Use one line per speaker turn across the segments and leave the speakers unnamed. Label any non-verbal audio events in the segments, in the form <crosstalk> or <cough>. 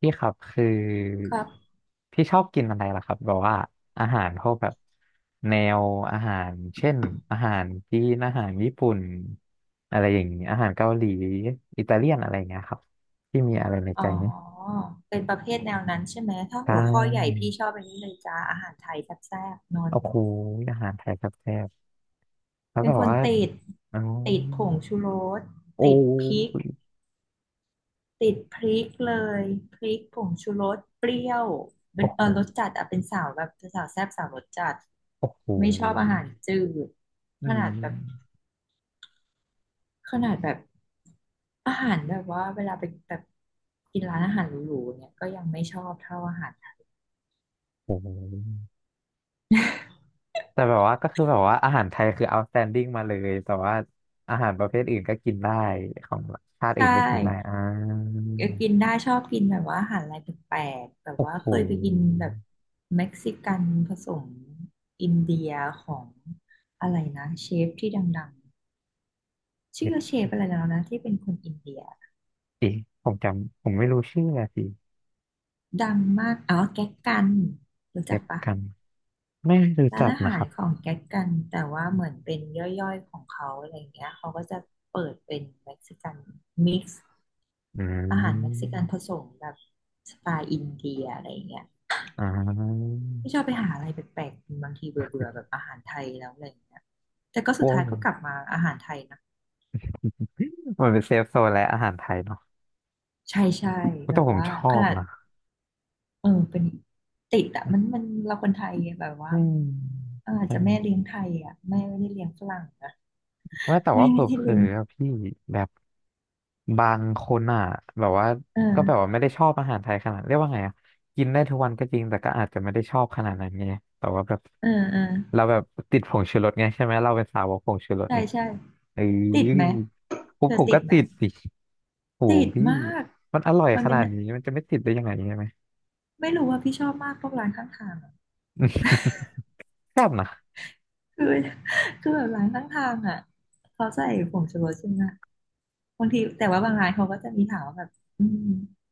พี่ครับคือ
ครับ
พี่ชอบกินอะไรล่ะครับแบบว่าอาหารพวกแบบแนวอาหารเช่นอาหารจีนอาหารญี่ปุ่นอะไรอย่างนี้อาหารเกาหลีอิตาเลียนอะไรอย่างเงี้ยครับพี่มีอะไรใน
อ๋อ
ใจไหม
เป็นประเภทแนวนั้นใช่ไหม ถ้า
ใช
หัวข้อใหญ่
่
พี่ชอบอันนี้เลยจ้า อาหารไทยแซ่บๆนัว
โอ้โหอาหารไทยครับแซ่บๆ
ๆ
แล้ว
เป็น
แบบ
คน
ว่า
ติด
อ๋อ
ผงชูรส
โอ้
ติดพริกเลยพริกผงชูรส เปรี้ยวเป็
โอ้
น
โห
รสจัดอะเป็นสาวแบบสาวแซ่บสาวรสจัด
โอ้โห
ไม่ชอบอาหารจืด
อื
ข
ม
นาดแบบขนาดแบบอาหารแบบว่าเวลาไปแบบกินร้านอาหารหรูๆเนี่ยก็ยังไม่ชอบเท่าอาหารไทย
โอ้โห แต่แบบว่าก็คือแบบว่าอาหารไทยคือ outstanding มาเลยแต่ว่าอาหารประเภทอื่นก็กินได้ของชาติ
ใช
อื่นก็กินได้อ่
่
า
กินได้ชอบกินแบบว่าอาหารอะไรแปลกๆแบบ
โอ้
ว่า
โห
เคยไปกินแบบเม็กซิกันผสมอินเดียของอะไรนะเชฟที่ดังๆชื่
เด็
อ
ดส
เชฟอะไรแล้วนะที่เป็นคนอินเดีย
ิผมจำผมไม่รู้ชื่ออะสิ
ดังมากอ๋อแก๊กกันรู้จั
เด็
ก
ด
ปะ
กันไม่รู้
ร้า
จั
น
ก
อา
นะ
หา
ค
ร
รั
ข
บ
องแก๊กกันแต่ว่าเหมือนเป็นย่อยๆของเขาอะไรอย่างเงี้ยเขาก็จะเปิดเป็นเม็กซิกันมิกซ์
อื
อาหารเม็กซิ
ม
กันผสมแบบสไตล์อินเดียอะไรอย่างเงี้ย
อ่า
ที่ชอบไปหาอะไรแปลกๆกินบางทีเบื่อๆแบบอาหารไทยแล้วอะไรอย่างเงี้ยแต่ก็สุด
โอ้ย
ท้ายก็กลับมาอาหารไทยนะ
มันเป็นเซฟโซนและอาหารไทยเนาะ
ใช่ใช่แบ
แต่
บ
ผม
ว่า
ชอ
ข
บ
นาด
นะ
เป็นติดอะมันเราคนไทยแบบว่า
อื
มันอาจจะ
ม
แม่เลี้ยงไทยอะแม่ไม่ได้เลี้ยงฝรั่งนะ
ว่าแต่
แม่
ว่า
ไม่ได้
เผล
เลี้
อ
ยง
ๆอะพี่แบบบางคนอ่ะแบบว่า
เอ
ก็แบบว่า
อ
ไม่ได้ชอบอาหารไทยขนาดเรียกว่าไงอ่ะกินได้ทุกวันก็จริงแต่ก็อาจจะไม่ได้ชอบขนาดนั้นไงแต่ว่าแบบ
เออเออ
เราแบบติดผงชูรสไงใช่ไหมเราเป็นสาวกผงชูรส
ใช่
ไง
ใช่
เออ
ติดไหม
ผ
เธ
ม
อติ
ก็
ดไหม
ติดสิโอ้โห
ติด
พี่
มาก
มันอร่อย
มัน
ข
เป็น
นาดนี้มันจะไม่ติดได้ยังไงใช่ไหม
ไม่รู้ว่าพี่ชอบมากพวกร้านข้างทางอะ
<laughs> แซ่บนะ
คือ <laughs> คือแบบร้านข้างทางอ่ะเขาใส่ผงชูรสใช่ไหมบางทีแต่ว่าบางร้านเขาก็จะมีถามว่าแบบอืม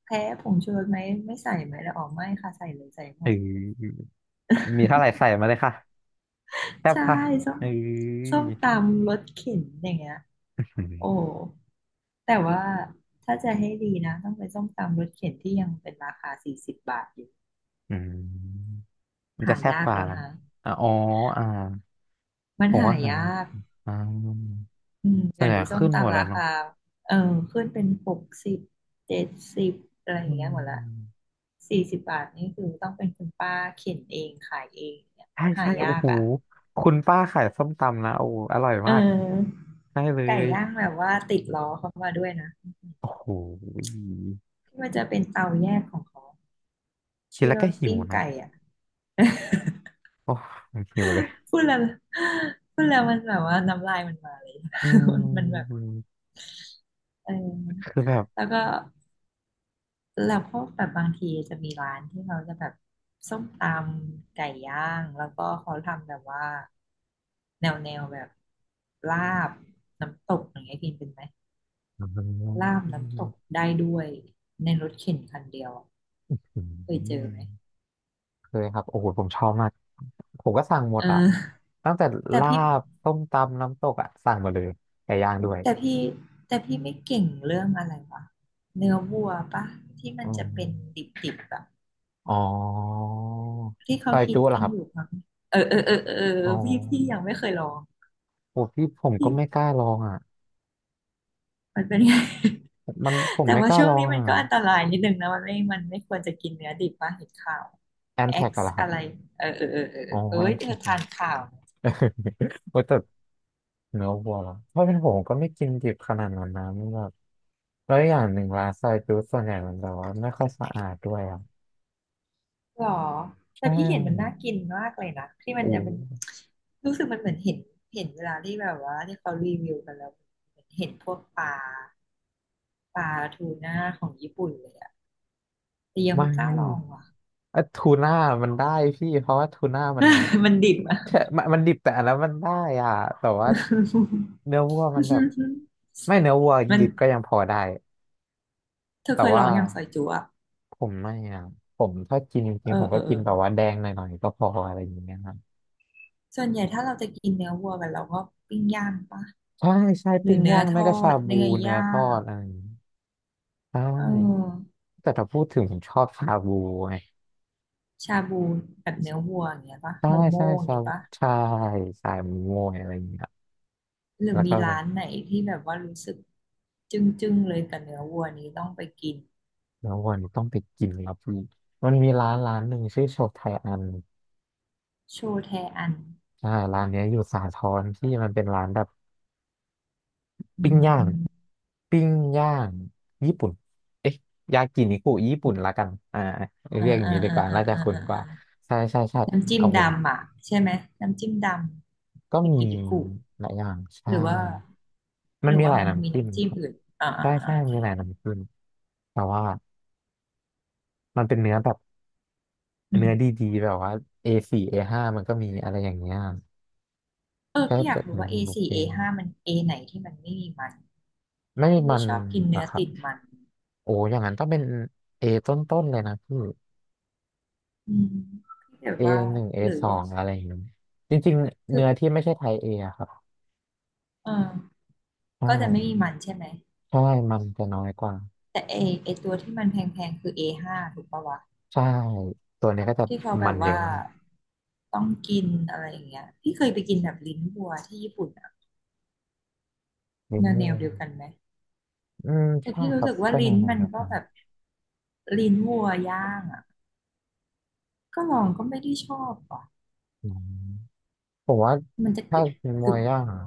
แพ้ผงชูรสไหมไม่ใส่ไหมแล้วอ๋อไม่ค่ะใส่เลยใส่หม
เ
ด
ออมีเท่าไหร่ใส่มาเลยค่ะแซ่บ
ใช่
ค่ะ
ส้ม
เออ
ส้มตำรสเข็นอย่างเงี้ยโอ้แต่ว่าถ้าจะให้ดีนะต้องเป็นส้มตำรสเข็นที่ยังเป็นราคาสี่สิบบาทอยู่
อืม มันจะ
หา
แซ่บ
ยา
ก
ก
ว่า
แล้ว
นะ
นะ
อะอ๋ออ่า
มัน
ผม
หา
ว่าหา
ยาก
อ่า
อืม
ส่ว
เดี๋
น
ย
ให
ว
ญ่
นี้ส้ม
ขึ้นหมด
ตำ
แล้
รา
วเนาะ
คาเออขึ้นเป็น6070อะไรอ
อื
ย่างเงี้ยหมดละ
ม
สี่สิบบาทนี่คือต้องเป็นคุณป้าเข็นเองขายเองเนี่ย
ใช่
หา
ใช่
ยา
โอ้
ก
โห
อ่ะ
คุณป้าขายส้มตำนะโอ้โหอร่อย
เอ
มาก
อ
ใช่เล
ไก่
ย
ย่างแบบว่าติดล้อเขามาด้วยนะ
โอ้โห
ที่มันจะเป็นเตาแยกของเขา
คิด
ที่
แล้ว
เรา
ก็หิว
ปิ้ง
นะ
ไก่อ่ะ
โอ้หิวเลย
พูดแล้วมันแบบว่าน้ำลายมันมาเลย
อื
<laughs> มันแบบ
ม
เอ
คื
อ
อแบบ
แล้วก็ แล้วพวกแบบบางทีจะมีร้านที่เขาจะแบบส้มตำไก่ย่างแล้วก็เขาทำแบบว่าแนวแบบลาบน้ำตกอย่างเงี้ยกินเป็นไหม
อื
ลาบน้ำตกได้ด้วยในรถเข็นคันเดียวอะเคยเจอไหม
มเคยครับโอ้โหผมชอบมาก ผมก็สั่งหม
เ
ดอ่ะ
ออ
ตั้งแต่
แต่
ลา
พี่
บต้มตำ น้ำตกอ่ะ สั่งหมดเลยไก่ย่างด้วย
แต่พี่แต่พี่ไม่เก่งเรื่องอะไรวะเนื้อวัวปะที่มั
อื
นจะเป็น
ม
ดิบๆอบบ
อ๋อ
ที่
ซ
เขา
อย
คิด
จุเหรอ
กัน
ครับ
อยู่มั้งเออเออเออเออเอ
อ๋
อพี่ยั
อ
งไม่เคยลอง
โอ้พี่ผม
พี่
ก็ไม่กล้าลองอ่ะ
มันเป็นไง
มันผม
แต่
ไม่
ว่า
กล้า
ช่ว
ล
ง
อ
นี้
ง
มัน
อ่ะ
ก็อันตรายนิดนึงนะมันไม่ควรจะกินเนื้อดิบว่าเห็นข่าว
แอนแท็
X
กอะเหรอครั
อะ
บ
ไรเออเออเออเออเอ
อ๋อ
อเอ้
แอ
ย
น
เธ
แท็
อ
กเหรอ
ทานข่าว
<laughs> โอ้แต่เนื้อวัวเหรอถ้าะเป็นผมก็ไม่กินดิบขนาดนั้นนะมันแบบแล้วอย่างหนึ่งร้านซอยจุส่วนใหญ่มันแบบว่าไม่ค่อยสะอาดด้วยอ่ะ
หรอแต่
ใช่
พี่เห็นมันน่ากินมากเลยนะที่มัน
โอ้
จะเป็นรู้สึกมันเหมือนเห็นเวลาที่แบบว่าที่เขารีวิวกันแล้วเหมือนเห็นพวกปลาปลาทูน่าของญี่ปุ่นเลยอะแต่ยัง
ไม
ไม่กล้าลอง
่
ว่ะ
เอ่อทูน่ามันได้พี่เพราะว่าทูน่ามัน
<laughs> มันดิบ
<laughs>
อะ
แค่มันดิบแต่อันนั้นมันได้อ่ะแต่ว่าเนื้อวัวมันแบบไม่เนื้อวัว
<laughs> มัน
ดิบก็ยังพอได้
เธอ
แต่
เคยลอ
ว่า
งอย่างซอยจุอะ
ผมไม่อ่ะผมถ้ากินจริ
เอ
ง
อ
ๆผม
เอ
ก็
อเอ
กิ
อ
นแบบว่าแดงหน่อยๆก็พออะไรอย่างเงี้ยครับ
ส่วนใหญ่ถ้าเราจะกินเนื้อวัวกันเราก็ปิ้งย่างปะ
ใช่ใช่
หรือ
ปิ้ง
เนื้อ
ย่าง
ท
ไม่
อ
ก็ชา
ด
บู
เนื้อ
เนื้อ
ย่า
ทอ
ง
ดอะไรอย่างเงี้ยใช่
เออ
แต่ถ้าพูดถึงผมชอบชาบูไง
ชาบูแบบเนื้อวัวอย่างเงี้ยปะ
ใช่
โม
ใช่
โม่อย่าง
ชา
เงี้ยปะ
ใช่สายมวยอะไรอย่างเงี้ย
หรือ
แล้ว
มี
ก็
ร้านไหนที่แบบว่ารู้สึกจึ้งเลยกับเนื้อวัวนี้ต้องไปกิน
แล้ววันนี้ต้องไปกินครับพี่มันมีร้านหนึ่งชื่อโชไทอัน
โชแทอัน
ใช่ร้านเนี้ยอยู่สาทรที่มันเป็นร้านแบบ
อื
ปิ้ง
ม
ย่า
อื
ง
ม
ปิ้งย่างญี่ปุ่นเอ๊ะยากินิคุญี่ปุ่นละกันอ่า
เอ่า
เรียกอย่าง
อ่า
นี้ดี
อ่า
กว่า
อ่า
น่าจะ
อ่า
คุ้น
อ่า
ก
อ
ว่าใช่ใช่ใช่
อน้ำจิ้ม
โอ้โห
ดำอ่ะใช่ไหมน้ำจิ้มด
ก็
ำเป็น
มี
กินดิกุ
หลายอย่าง
ห
ใช่
รือว่า
มันมีหลาย
มันมี
น้ำจิ้ม
น้ำ
นะ
จิ้ม
ครับ
อื่นอ่า
ใช่
อ่าอ่า
ใช่
โอเค
มีหลายน้ำจิ้มแต่ว่ามันเป็นเนื้อแบบเนื้อดีๆแบบว่าเอสี่เอห้ามันก็มีอะไรอย่างเงี้ย
เออ
ใช่
พี่อยา
แต่
กรู้
เนื้อ
ว่า
มันบุฟ
A4
เฟ่ต์
A5 มัน A ไหนที่มันไม่มีมัน
ไม่
พี่
มั
ไม่
น
ชอบกิน
นะ
เนื้อ
ครับ
ติดมัน
โอ้อย่างนั้นต้องเป็น A ต้นๆเลยนะพี่
อืมพี่แบบ
A
ว่า
หนึ่ง A
หรือ
สอ
ว่า
งอะไรอย่างนี้จริงๆ
คือ
เนื้อที่ไม่ใช่ไทย A อะครับ
เออ
ใช่
ก็จะไม่มีมันใช่ไหม
ใช่มันจะน้อยกว่า
แต่ A ไอตัวที่มันแพงๆคือเอห้5ถูกปะวะ
ใช่ตัวนี้ก็จะ
ที่เขาแบ
มั
บ
นเย
ว่า
อะมาก
ต้องกินอะไรอย่างเงี้ยพี่เคยไปกินแบบลิ้นวัวที่ญี่ปุ่นอะ
ลิม
แน
โม่
วเดียวกันไหม
อืม
แต่
ใช่
พี่
ค
รู้
รับ
สึกว่า
ก็
ลิ้
นา
น
น
มั
ๆ
น
แล้วค
ก็
รับ
แบบลิ้นวัวย่างอะก็ลองก็ไม่ได้ชอบอ่ะ
อืมผมว่า
มันจะก
ถ้า
รึบ
ลิม
ก
โม่
รึบ
ย่างอะ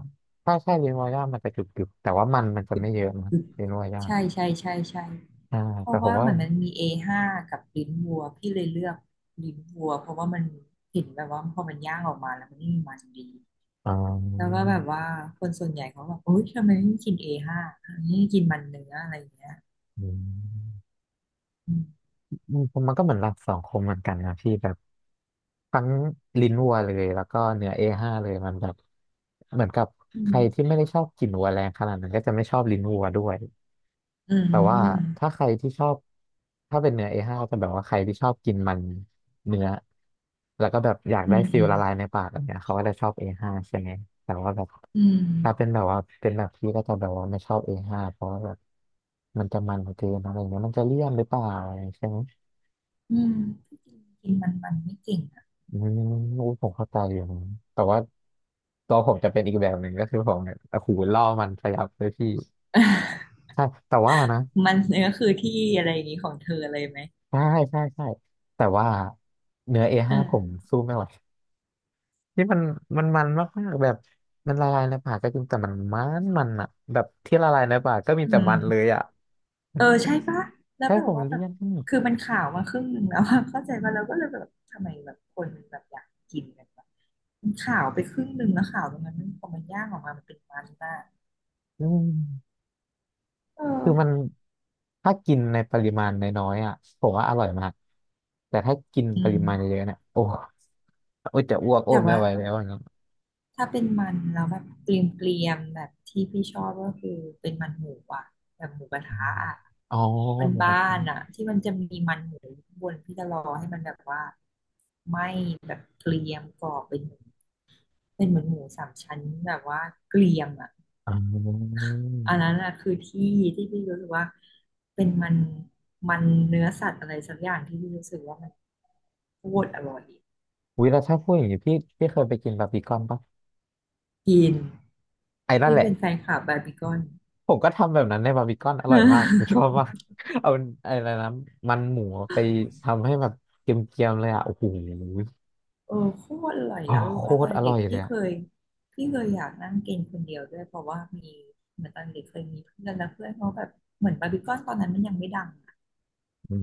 ถ้าใช่ลิมโม่ย่างมันจะกรุบๆแต่ว่ามันจะไม่เยอะนะ
กรึบ
ลิมโม่ย่าง
ใช่ใช่ใช่ใช่
ใช่
เพ
แต่
ราะ
ผม
ว่า
ว่า
มันมี A5 กับลิ้นวัวพี่เลยเลือกลิ้นวัวเพราะว่ามันเห็นแบบว่าพอมันย่างออกมาแล้วมันนี่มมันดี
อ๋อ
แล้วก็แบบว่าคนส่วนใหญ่เขาแบบโอ๊ยทำไมไม่กิน A5 ไม่กินมันเนื้ออะไรอย่างเงี้ย
อืม
อืม
อืมผมมันก็เหมือนหลักสองคมเหมือนกันนะพี่แบบทั้งลิ้นวัวเลยแล้วก็เนื้อเอห้าเลยมันแบบเหมือนกับใครที่ไม่ได้ชอบกลิ่นวัวแรงขนาดนั้นก็จะไม่ชอบลิ้นวัวด้วย
อื
แต่ว่า
ม
ถ้าใครที่ชอบถ้าเป็นเนื้อ A5 จะแบบว่าใครที่ชอบกินมันเนื้อแล้วก็แบบอยาก
อื
ได้
ม
ฟิ
อื
ล
ม
ละลายในปากแบบเนี้ยเขาก็จะชอบ A5 ใช่ไหมแต่ว่าแบบ
อืม
ถ้าเป็นแบบว่าเป็นแบบพี่ก็จะแบบว่าไม่ชอบ A5 เพราะว่าแบบมันจะมันเกินอะไรเงี้ยมันจะเลี่ยนหรือเปล่าอะไรใช่ไหม
อืมอืมพี่กินกินมันไม่เก่งอะ
อืมอุ๊ยผมเข้าใจอยู่นะแต่ว่าตัวผมจะเป็นอีกแบบหนึ่งก็คือผมเนี่ยโอ้โหล่อมันพยับเลยพี่
<laughs>
ใช่แต่ว่านะ
มันเนื้อคือที่อะไรอย่างงี้ของเธอเลยไหม
ใช่ใช่ใช่แต่ว่าเนื้อ
เอ
A5 ผม
อ
สู้ไม่ไหวนี่มันมันมากมากแบบมันละลายในปากก็จริงแต่มันมันอะแบบที่ละลายในปากก็มี
อื
แต่
ม
มันเลยอะ
เออใช่ปะ
<laughs>
แล้ว
ใช่
แบ
ผ
บ
ม
ว่าแบ
เลี่
บ
ยน
คือมันข่าวมาครึ่งหนึ่งแล้วอะ <laughs> เข้าใจว่าเราก็เลยแบบทำไมแบบคนมันแบบอยากกินกันวะมันข่าวไปครึ่งหนึ่งแล้วข่าวตรงนั้นมันพอมันย่างออกมามันเป็นมันมาก
อืม
เออ
คือมันถ้ากินในปริมาณน้อยๆอ่ะผมว่าอร่อยมากแต่ถ้ากิน
อื
ป
ม
ริมาณเยอะๆเนี่ยโอ้โอ้ยจะอ้วกโอ้
แต่
ยไม่
ว่า
ไหวแล้วอย่างเงี้ย
ถ้าเป็นมันแล้วแบบเกรียมเกรียมแบบที่พี่ชอบก็คือเป็นมันหมูอ่ะแบบหมูกระ
อื
ทะ
ม
อ่ะ
อ๋อหมูก
บ้า
ระ
นๆ
ทะ
อ่ะที่มันจะมีมันหมูอยู่ข้างบนพี่จะรอให้มันแบบว่าไหม้แบบเกรียมกรอบเป็นหมู เป็นเหมือนหมูสามชั้นแบบว่าเกรียมอ่ะ
อ๋อ
อันนั้นอะคือที่ที่พี่รู้สึกว่าเป็นมันมันเนื้อสัตว์อะไรสักอย่างที่พี่รู้สึกว่ามันโคตรอร่อย
อุ้ยแล้วถ้าพูดอย่างนี้พี่เคยไปกินบาร์บีคอนปะ
กิน
ไอ้นั่น
พี่
แหละ
เป็นแฟนคลับบาร์บีคอน
ผมก็ทำแบบนั้นในบาร์บีคอนอร่อยมากผมชอ
<laughs>
บมาก <laughs> เอาอะไรนะมันหมูไปทำให้แบบเกรียมๆเลยอ่ะโอ้โห
เออโคตรอร่อย
อ๋อ
แล้วรู้
โค
ป่ะตอ
ตร
น
อร่
เด็
อ
ก
ยเลยอ่ะ
พี่เคยอยากนั่งกินคนเดียวด้วยเพราะว่ามีเหมือนตอนเด็กเคยมีเพื่อนแล้วเพื่อนเขาแบบเหมือนบาร์บีคอนตอนนั้นมันยังไม่ดัง
อื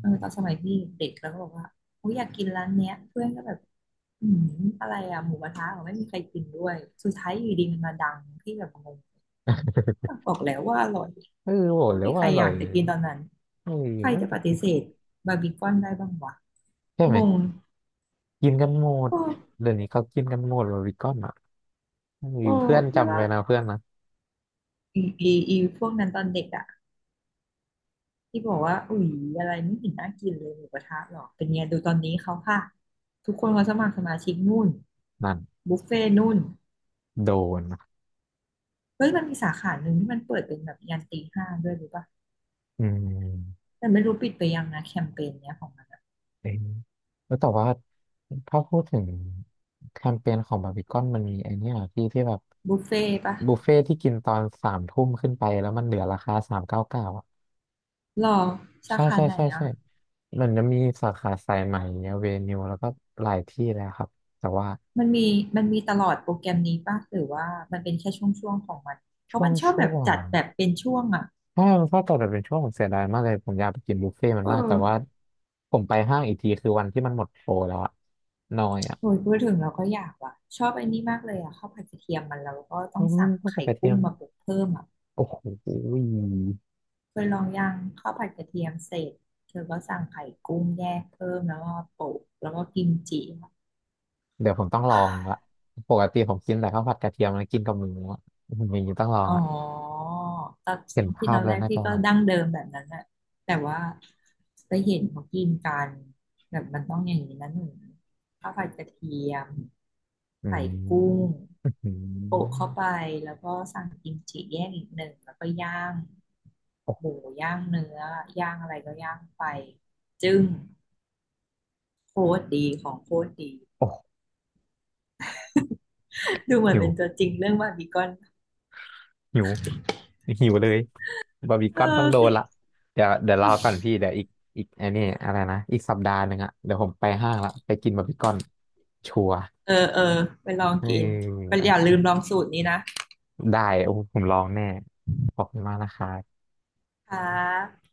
เออตอนสมัยพี่เด็กแล้วก็บอกว่าโอ้ยอยากกินร้านเนี้ยเพื่อนก็แบบอืมอะไรอะหมูกระทะเหรอไม่มีใครกินด้วยสุดท้ายอยู่ดีมันมาดังที่แบบงงบอกแล้วว่าอร่อย
เออโห
ไม่
แล้
มี
ว
ใค
ว่า
ร
อ
อ
ร่อ
ยา
ย
กจะกินตอนนั้น
เอ
ใครจะปฏิ
อ
เสธบาร์บีคอนได้บ้างวะ
ใช่ไห
ง
ม
ง
กินกันหมด
โอ้
เดี๋ยวนี้เขากินกันหมดบาร์บีคอนอ่ะมี
โอ้
เพื่อน
พี่
จำ
ว่า
ไว้นะเพื่อนนะ
อีอีอีพวกนั้นตอนเด็กอะที่บอกว่าอุ๊ยอะไรไม่เห็นน่ากินเลยหมูกระทะหรอกเป็นไงดูตอนนี้เขาค่ะทุกคนเขาสมัครสมาชิกนู่น
นั่น
บุฟเฟ่นู่น
โดนนะ
เฮ้ยมันมีสาขาหนึ่งที่มันเปิดเป็นแบบยันตีห้าด้วยรู้ปะ
อืม
แต่ไม่รู้ปิดไปยังนะแคมเปญเนี้ยของมันอะ
เอ้ยแล้วแต่ว่าถ้าพูดถึงแคมเปญของบาร์บีคอนมันมีไอเนี้ยที่แบบ
บุฟเฟ่ต์ปะ
บุฟเฟ่ที่กินตอนสามทุ่มขึ้นไปแล้วมันเหลือราคา399อ่ะ
หรอสา
ใช่
ขา
ใช่
ไหน
ใช่
อะ
ใช่มันจะมีสาขาสายใหม่เวนิวแล้วก็หลายที่แล้วครับแต่ว่า
มันมีมันมีตลอดโปรแกรมนี้ปะหรือว่ามันเป็นแค่ช่วงๆของมันเพราะมันชอบแบ
ช่
บ
วง
จัดแบบเป็นช่วงอะ
ใช่มันก็ต่อแบบเป็นช่วงผมเสียดายมากเลยผมอยากไปกินบุฟเฟ่ต์มัน
เอ
มากแต่
อ
ว่าผมไปห้างอีกทีคือวันที่มันหมดโปรแล้วอะน้อยอะ
โหยพูดถึงเราก็อยากว่ะชอบไอ้นี่มากเลยอะข้าวผัดกระเทียมมันแล้วก็ต้
อื
อง
ม
สั่ง
ก็ก
ไข่
ระเที
กุ้
ย
ง
ม
มาปรุงเพิ่มอะ
โอ้โห
เคยลองยังข้าวผัดกระเทียมเสร็จเธอก็สั่งไข่กุ้งแยกเพิ่มแล้วก็โปะแล้วก็กิมจิอะ
เดี๋ยวผมต้องลองละปกติผมกินแต่ข้าวผัดกระเทียมแล้วกินกับหมูอะอืมอย่างนี้ต้องลอง
อ๋
ละ
อตอน
เห็น
ที่
ภา
ต
พ
อน
เล
แร
ย
ก
น่า
พี่
จะอ
ก็
ร่อย
ดั้งเดิมแบบนั้นแหละแต่ว่าไปเห็นเขากินกันแบบมันต้องอย่างนี้นะหนูข้าวผัดกระเทียม
อื
ใส่กุ้
ม
ง
อื
โปะเข้าไป
ม
แล้วก็สั่งกิมจิแยกอีกหนึ่งแล้วก็ย่าง
โอ
ห
้
มูย่างเนื้อย่างอะไรก็ย่างไปจึ้งโคตรดีของโคตรดี
โอ้
ดูเหมือน
หิว
เป็นตัวจริงเรื่องบาร์บีคอน
หิว หิวเลยบาร์บีค
เอ
อนต้อ
อ
งโด
สิ
นละเดี๋ยวรอก่อนพี่เดี๋ยวอีกอีกไอันนี้อะไรนะอีกสัปดาห์หนึ่งอะเดี๋ยวผมไปห้างละไปกินบาร์บีคอนชัวร์
เออเออไปลอง
เออ
กินไป
อา
อย่าลื
ชี
ม
พ
ลองสูตรนี้นะ
ได้โอ้ผมลองแน่ขอบคุณมากนะครับ
ค่ะ